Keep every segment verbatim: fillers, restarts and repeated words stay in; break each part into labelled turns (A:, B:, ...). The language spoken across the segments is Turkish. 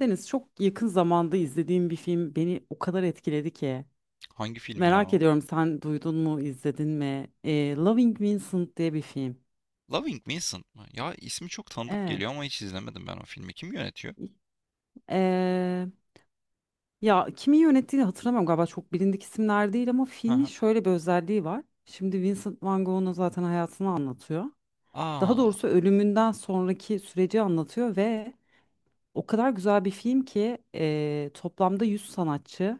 A: Deniz, çok yakın zamanda izlediğim bir film beni o kadar etkiledi ki.
B: Hangi film ya?
A: Merak
B: O?
A: ediyorum, sen duydun mu, izledin mi? Ee, Loving Vincent diye bir film.
B: Loving Vincent mı? Ya ismi çok tanıdık
A: Evet.
B: geliyor ama hiç izlemedim ben o filmi. Kim yönetiyor?
A: Ee, ya kimi yönettiğini hatırlamıyorum, galiba çok bilindik isimler değil ama
B: Hı
A: filmin
B: hı.
A: şöyle bir özelliği var. Şimdi Vincent Van Gogh'un zaten hayatını anlatıyor. Daha
B: Aa,
A: doğrusu ölümünden sonraki süreci anlatıyor ve o kadar güzel bir film ki e, toplamda yüz sanatçı,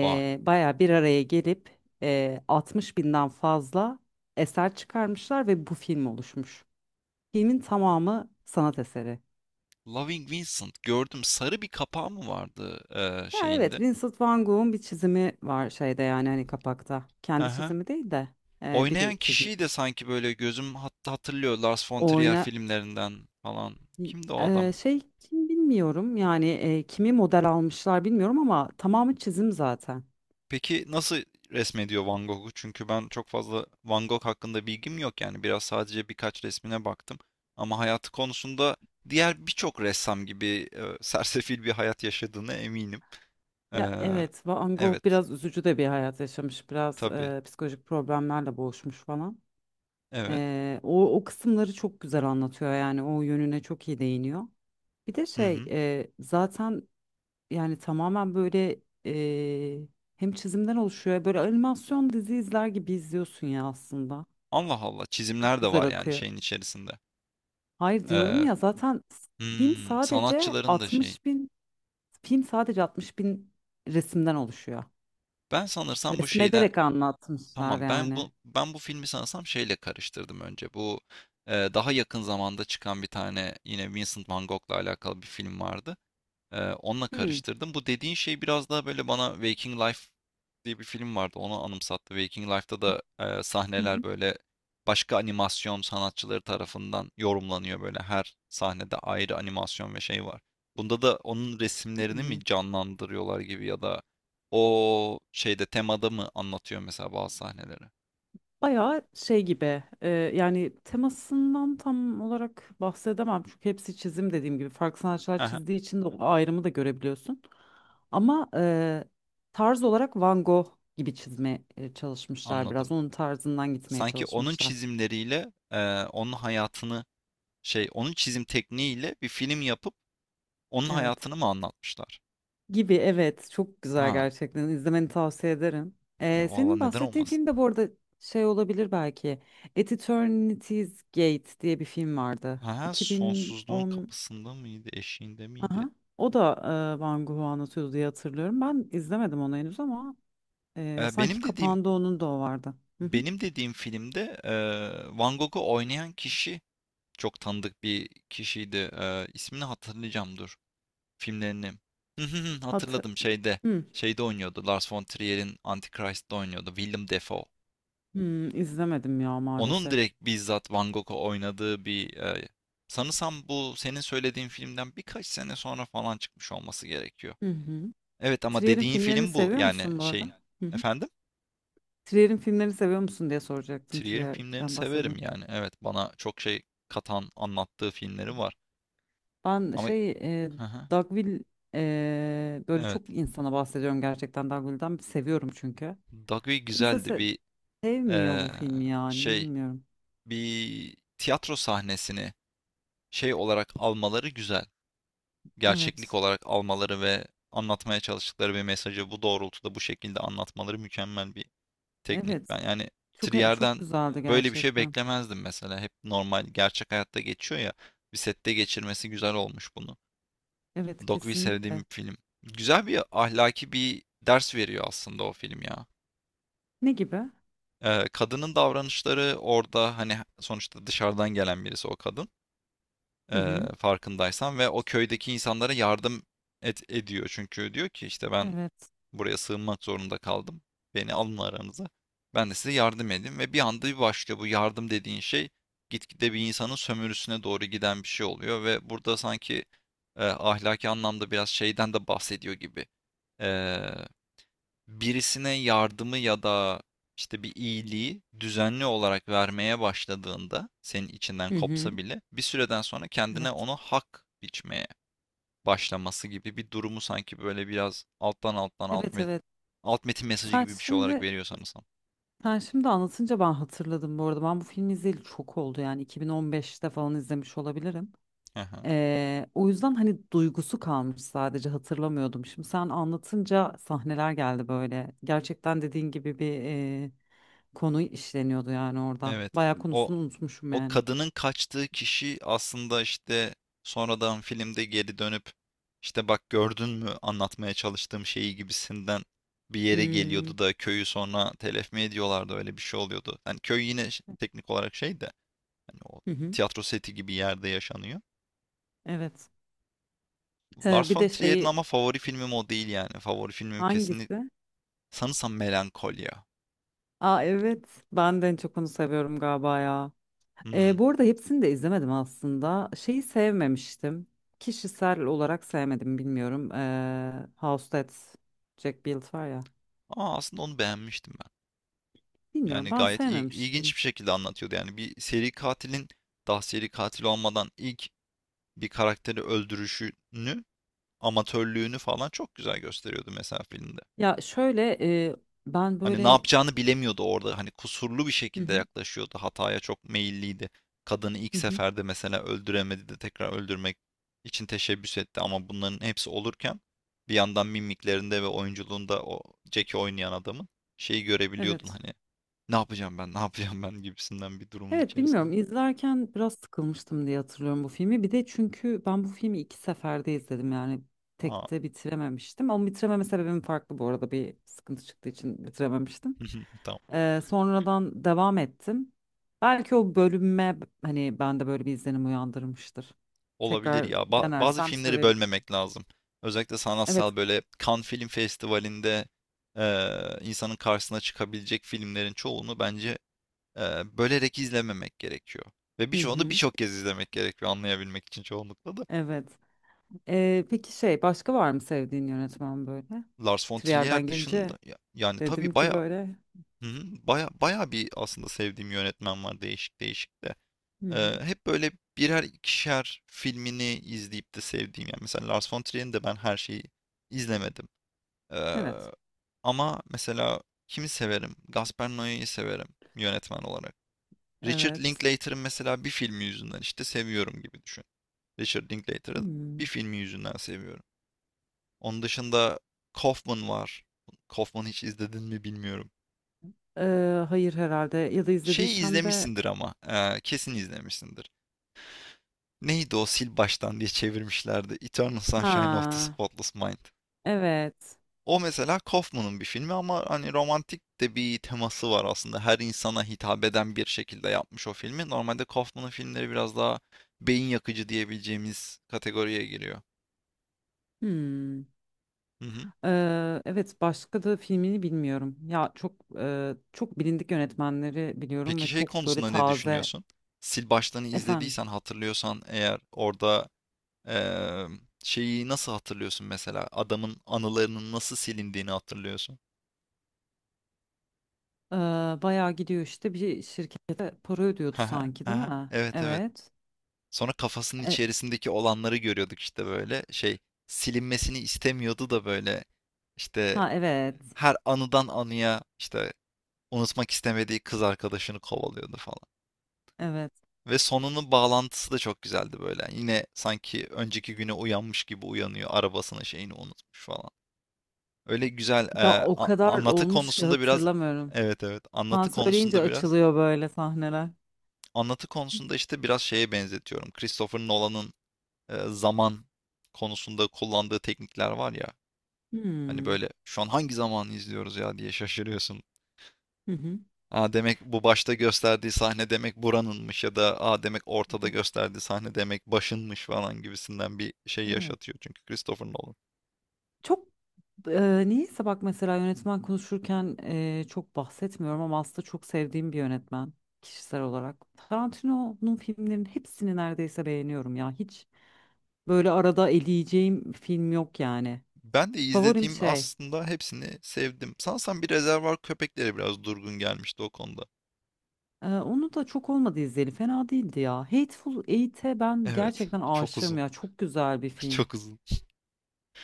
B: vay.
A: bayağı bir araya gelip e, altmış binden fazla eser çıkarmışlar ve bu film oluşmuş. Filmin tamamı sanat eseri.
B: Loving Vincent gördüm. Sarı bir kapağı mı vardı eee,
A: Ya
B: şeyinde?
A: evet, Vincent van Gogh'un bir çizimi var şeyde, yani hani kapakta.
B: Hı
A: Kendi
B: hı.
A: çizimi değil de e,
B: Oynayan
A: biri çizim.
B: kişiyi de sanki böyle gözüm hatta hatırlıyor Lars von
A: O
B: Trier
A: oyuna
B: filmlerinden falan. Kimdi o adam?
A: e, şey kim bilmiyorum yani, e, kimi model almışlar bilmiyorum ama tamamı çizim zaten.
B: Peki nasıl resmediyor Van Gogh'u? Çünkü ben çok fazla Van Gogh hakkında bilgim yok yani biraz sadece birkaç resmine baktım. Ama hayatı konusunda diğer birçok ressam gibi e, sersefil bir hayat yaşadığına eminim. Ee,
A: Ya evet, Van Gogh
B: evet,
A: biraz üzücü de bir hayat yaşamış. Biraz
B: tabii,
A: e, psikolojik problemlerle boğuşmuş falan.
B: evet.
A: Ee, o, o kısımları çok güzel anlatıyor, yani o yönüne çok iyi değiniyor. Bir de
B: Hı
A: şey
B: hı.
A: e, zaten yani tamamen böyle e, hem çizimden oluşuyor, böyle animasyon dizi izler gibi izliyorsun ya aslında.
B: Allah Allah,
A: Çok
B: çizimler de
A: güzel
B: var yani
A: akıyor.
B: şeyin içerisinde.
A: Hayır, diyorum
B: Ee,
A: ya, zaten film
B: hmm,
A: sadece
B: sanatçıların da şey.
A: 60 bin film sadece altmış bin resimden oluşuyor.
B: Ben sanırsam bu şeyden
A: Resmederek anlatmışlar
B: Tamam ben
A: yani.
B: bu ben bu filmi sanırsam şeyle karıştırdım önce. Bu e, daha yakın zamanda çıkan bir tane yine Vincent Van Gogh'la alakalı bir film vardı. Eee, onunla
A: Hmm.
B: karıştırdım. Bu dediğin şey biraz daha böyle bana Waking Life diye bir film vardı. Onu anımsattı. Waking Life'da da eee,
A: Hı
B: sahneler
A: hı.
B: böyle başka animasyon sanatçıları tarafından yorumlanıyor böyle. Her sahnede ayrı animasyon ve şey var. Bunda da onun
A: Hı
B: resimlerini
A: hı.
B: mi canlandırıyorlar gibi ya da o şeyde temada mı anlatıyor mesela bazı sahneleri?
A: Bayağı şey gibi e, yani temasından tam olarak bahsedemem çünkü hepsi çizim, dediğim gibi farklı sanatçılar
B: Hı hı,
A: çizdiği için de o ayrımı da görebiliyorsun. Ama e, tarz olarak Van Gogh gibi çizmeye e, çalışmışlar,
B: anladım.
A: biraz onun tarzından gitmeye
B: Sanki onun
A: çalışmışlar.
B: çizimleriyle eee, onun hayatını şey onun çizim tekniğiyle bir film yapıp onun
A: Evet,
B: hayatını mı anlatmışlar?
A: gibi evet, çok güzel
B: Ha,
A: gerçekten, izlemeni tavsiye ederim.
B: ne,
A: E,
B: valla
A: senin
B: neden
A: bahsettiğin
B: olmasın?
A: film de bu arada şey olabilir belki, At Eternity's Gate diye bir film vardı.
B: Ha, sonsuzluğun
A: iki bin on.
B: kapısında mıydı, eşiğinde miydi?
A: Aha. O da e, Van Gogh'u anlatıyordu diye hatırlıyorum. Ben izlemedim onu henüz ama e,
B: Ee,
A: sanki
B: benim dediğim
A: kapağında onun da o vardı. Hı hı.
B: benim dediğim filmde e, Van Gogh'u oynayan kişi çok tanıdık bir kişiydi. Ee, ismini hatırlayacağım dur. Filmlerini. Hı hı hı,
A: Hatı
B: hatırladım şeyde.
A: hı.
B: Şeyde oynuyordu. Lars von Trier'in Antichrist'te oynuyordu. Willem Dafoe.
A: Hı, izlemedim ya
B: Onun
A: maalesef.
B: direkt bizzat Van Gogh'u oynadığı bir e, sanırsam bu senin söylediğin filmden birkaç sene sonra falan çıkmış olması gerekiyor.
A: Hı hı.
B: Evet ama
A: Trier'in
B: dediğin
A: filmlerini
B: film bu
A: seviyor
B: yani
A: musun bu
B: şeyin.
A: arada? Hı hı.
B: Efendim?
A: Trier'in filmlerini seviyor musun diye soracaktım,
B: Trier'in filmlerini
A: Trier'den
B: severim
A: bahsedin.
B: yani. Evet bana çok şey katan anlattığı filmleri var.
A: Ben
B: Ama
A: şey e,
B: hı hı,
A: Dogville, e, böyle
B: evet.
A: çok insana bahsediyorum gerçekten Dogville'den. Seviyorum çünkü.
B: Dogville
A: Kimse
B: güzeldi
A: se-
B: bir
A: sevmiyor
B: e,
A: bu filmi yani,
B: şey
A: bilmiyorum.
B: bir tiyatro sahnesini şey olarak almaları güzel. Gerçeklik
A: Evet.
B: olarak almaları ve anlatmaya çalıştıkları bir mesajı bu doğrultuda bu şekilde anlatmaları mükemmel bir teknik.
A: Evet.
B: Ben yani
A: Çok e- çok
B: Trier'den
A: güzeldi
B: böyle bir şey
A: gerçekten.
B: beklemezdim mesela. Hep normal gerçek hayatta geçiyor ya. Bir sette geçirmesi güzel olmuş bunu.
A: Evet,
B: Dogville sevdiğim bir
A: kesinlikle.
B: film. Güzel bir ahlaki bir ders veriyor aslında o film ya.
A: Ne gibi?
B: Ee, kadının davranışları orada hani sonuçta dışarıdan gelen birisi o kadın
A: Hı
B: e,
A: hı.
B: farkındaysan ve o köydeki insanlara yardım et, ediyor. Çünkü diyor ki işte ben
A: Evet.
B: buraya sığınmak zorunda kaldım. Beni alın aranıza. Ben de size yardım edeyim. Ve bir anda bir başlıyor bu yardım dediğin şey. Gitgide bir insanın sömürüsüne doğru giden bir şey oluyor. Ve burada sanki e, ahlaki anlamda biraz şeyden de bahsediyor gibi. E, Birisine yardımı ya da işte bir iyiliği düzenli olarak vermeye başladığında senin içinden
A: Hı hı.
B: kopsa bile bir süreden sonra kendine
A: Evet.
B: onu hak biçmeye başlaması gibi bir durumu sanki böyle biraz alttan alttan alt
A: Evet,
B: met
A: evet.
B: alt metin mesajı
A: Sen
B: gibi bir şey olarak
A: şimdi
B: veriyor sanırsam.
A: sen şimdi anlatınca ben hatırladım bu arada. Ben bu filmi izleyeli çok oldu, yani iki bin on beşte falan izlemiş olabilirim.
B: Hı hı.
A: Ee, o yüzden hani duygusu kalmış sadece, hatırlamıyordum. Şimdi sen anlatınca sahneler geldi böyle. Gerçekten dediğin gibi bir e, konu işleniyordu yani orada.
B: Evet.
A: Bayağı
B: O
A: konusunu unutmuşum
B: o
A: yani.
B: kadının kaçtığı kişi aslında işte sonradan filmde geri dönüp işte bak gördün mü anlatmaya çalıştığım şeyi gibisinden bir yere
A: Hmm.
B: geliyordu da köyü sonra telef mi ediyorlardı öyle bir şey oluyordu. Hani köy yine ş- teknik olarak şey de hani o
A: Hı hı.
B: tiyatro seti gibi yerde yaşanıyor.
A: Evet. Ee,
B: Lars
A: bir
B: von
A: de
B: Trier'in
A: şeyi
B: ama favori filmim o değil yani. Favori filmim kesinlikle
A: hangisi?
B: sanırsam Melankolya.
A: Aa evet, ben de en çok onu seviyorum galiba ya. Ee,
B: Hımm.
A: bu arada hepsini de izlemedim aslında. Şeyi sevmemiştim. Kişisel olarak sevmedim, bilmiyorum. Ee, House That Jack Built var ya.
B: Ama aslında onu beğenmiştim ben.
A: Bilmiyorum,
B: Yani
A: ben
B: gayet il ilginç
A: sevmemiştim.
B: bir şekilde anlatıyordu. Yani bir seri katilin daha seri katil olmadan ilk bir karakteri öldürüşünü, amatörlüğünü falan çok güzel gösteriyordu mesela filmde.
A: Ya şöyle e, ben
B: Hani ne
A: böyle.
B: yapacağını bilemiyordu orada. Hani kusurlu bir
A: Hı
B: şekilde
A: hı,
B: yaklaşıyordu. Hataya çok meyilliydi. Kadını ilk
A: hı hı.
B: seferde mesela öldüremedi de tekrar öldürmek için teşebbüs etti ama bunların hepsi olurken bir yandan mimiklerinde ve oyunculuğunda o Jack'i oynayan adamın şeyi görebiliyordun
A: Evet.
B: hani ne yapacağım ben ne yapacağım ben gibisinden bir durumun
A: Evet.
B: içerisinde.
A: bilmiyorum, izlerken biraz sıkılmıştım diye hatırlıyorum bu filmi. Bir de çünkü ben bu filmi iki seferde izledim yani,
B: Aa
A: tekte bitirememiştim. Ama bitirememe sebebim farklı bu arada, bir sıkıntı çıktığı için bitirememiştim.
B: tamam.
A: Ee, sonradan devam ettim. Belki o bölünme hani bende böyle bir izlenim uyandırmıştır.
B: Olabilir
A: Tekrar
B: ya. Ba- bazı
A: denersem
B: filmleri
A: sevebilirim.
B: bölmemek lazım. Özellikle
A: Evet.
B: sanatsal böyle Cannes Film Festivali'nde eee, insanın karşısına çıkabilecek filmlerin çoğunu bence eee, bölerek izlememek gerekiyor. Ve
A: Hı
B: birçoğunu
A: hı.
B: birçok kez izlemek gerekiyor anlayabilmek için çoğunlukla da.
A: Evet. Ee, peki şey, başka var mı sevdiğin yönetmen böyle?
B: Lars von
A: Trier'den
B: Trier
A: gelince
B: dışında ya- yani
A: dedim
B: tabii
A: ki
B: baya
A: böyle.
B: hı hı, baya baya bir aslında sevdiğim yönetmen var değişik değişik de.
A: Hı hı.
B: Eee, hep böyle birer ikişer filmini izleyip de sevdiğim yani mesela Lars von Trier'in de ben her şeyi izlemedim. Ee,
A: Evet.
B: Ama mesela kimi severim? Gaspar Noé'yi severim yönetmen olarak. Richard
A: Evet.
B: Linklater'ın mesela bir filmi yüzünden işte seviyorum gibi düşün. Richard Linklater'ın
A: Hmm.
B: bir filmi yüzünden seviyorum. Onun dışında Kaufman var. Kaufman'ı hiç izledin mi bilmiyorum.
A: Ee, hayır herhalde, ya da
B: Şey
A: izlediysem de
B: izlemişsindir ama. Eee, kesin izlemişsindir. Neydi o sil baştan diye çevirmişlerdi. Eternal Sunshine of the
A: ha
B: Spotless Mind.
A: evet.
B: O mesela Kaufman'ın bir filmi ama hani romantik de bir teması var aslında. Her insana hitap eden bir şekilde yapmış o filmi. Normalde Kaufman'ın filmleri biraz daha beyin yakıcı diyebileceğimiz kategoriye giriyor.
A: Hmm.
B: Hı hı.
A: Ee, evet, başka da filmini bilmiyorum. Ya çok e, çok bilindik yönetmenleri biliyorum
B: Peki
A: ve
B: şey
A: çok böyle
B: konusunda ne
A: taze
B: düşünüyorsun? Sil baştanı
A: efendim.
B: izlediysen hatırlıyorsan eğer orada eee, şeyi nasıl hatırlıyorsun mesela? Adamın anılarının nasıl silindiğini hatırlıyorsun.
A: Ee, Bayağı gidiyor işte bir şirkete para ödüyordu
B: Haha,
A: sanki değil
B: haha,
A: mi?
B: evet evet.
A: Evet.
B: Sonra kafasının
A: E,
B: içerisindeki olanları görüyorduk işte böyle şey silinmesini istemiyordu da böyle işte
A: ha evet.
B: her anıdan anıya işte unutmak istemediği kız arkadaşını kovalıyordu falan.
A: Evet.
B: Ve sonunun bağlantısı da çok güzeldi böyle. Yani yine sanki önceki güne uyanmış gibi uyanıyor arabasını şeyini unutmuş falan. Öyle güzel
A: Ya
B: e,
A: o
B: a-
A: kadar
B: anlatı
A: olmuş ki
B: konusunda biraz
A: hatırlamıyorum.
B: evet evet
A: Sen
B: anlatı
A: söyleyince
B: konusunda biraz
A: açılıyor böyle sahneler.
B: anlatı konusunda işte biraz şeye benzetiyorum. Christopher Nolan'ın e, zaman konusunda kullandığı teknikler var ya. Hani
A: Hmm.
B: böyle şu an hangi zamanı izliyoruz ya diye şaşırıyorsun.
A: Hı hı.
B: Aa demek bu başta gösterdiği sahne demek buranınmış ya da aa demek
A: Hı
B: ortada
A: hı.
B: gösterdiği sahne demek başınmış falan gibisinden bir şey
A: Evet.
B: yaşatıyor çünkü Christopher Nolan.
A: Çok e, niyeyse bak, mesela yönetmen konuşurken e, çok bahsetmiyorum ama aslında çok sevdiğim bir yönetmen kişisel olarak. Tarantino'nun filmlerinin hepsini neredeyse beğeniyorum ya. Hiç böyle arada eleyeceğim film yok yani.
B: Ben de
A: Favorim
B: izlediğim
A: şey,
B: aslında hepsini sevdim. Sanırsam bir rezervar köpekleri biraz durgun gelmişti o konuda.
A: e, onu da çok olmadı izleyeli. Fena değildi ya. Hateful Eight'e ben
B: Evet.
A: gerçekten
B: Çok
A: aşığım
B: uzun.
A: ya. Çok güzel bir film.
B: Çok uzun.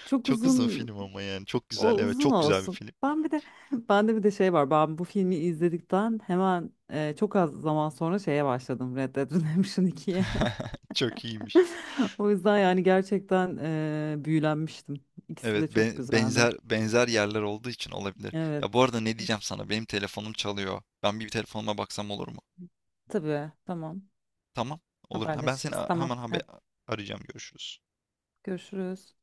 A: Çok
B: Çok uzun
A: uzun.
B: film ama yani. Çok
A: O
B: güzel. Evet,
A: uzun
B: çok güzel bir
A: olsun.
B: film.
A: Ben bir de bende bir de şey var. Ben bu filmi izledikten hemen e, çok az zaman sonra şeye başladım, Red Dead Redemption ikiye.
B: Çok iyiymiş.
A: O yüzden yani gerçekten e, büyülenmiştim. İkisi de
B: Evet
A: çok
B: be-
A: güzeldi.
B: benzer benzer yerler olduğu için olabilir.
A: Evet.
B: Ya bu arada ne diyeceğim sana? Benim telefonum çalıyor. Ben bir telefonuma baksam olur mu?
A: Tabii. Tamam.
B: Tamam. Olur. Ha, ben seni
A: Haberleşiriz.
B: a- hemen
A: Tamam.
B: haber
A: Hadi
B: arayacağım. Görüşürüz.
A: görüşürüz.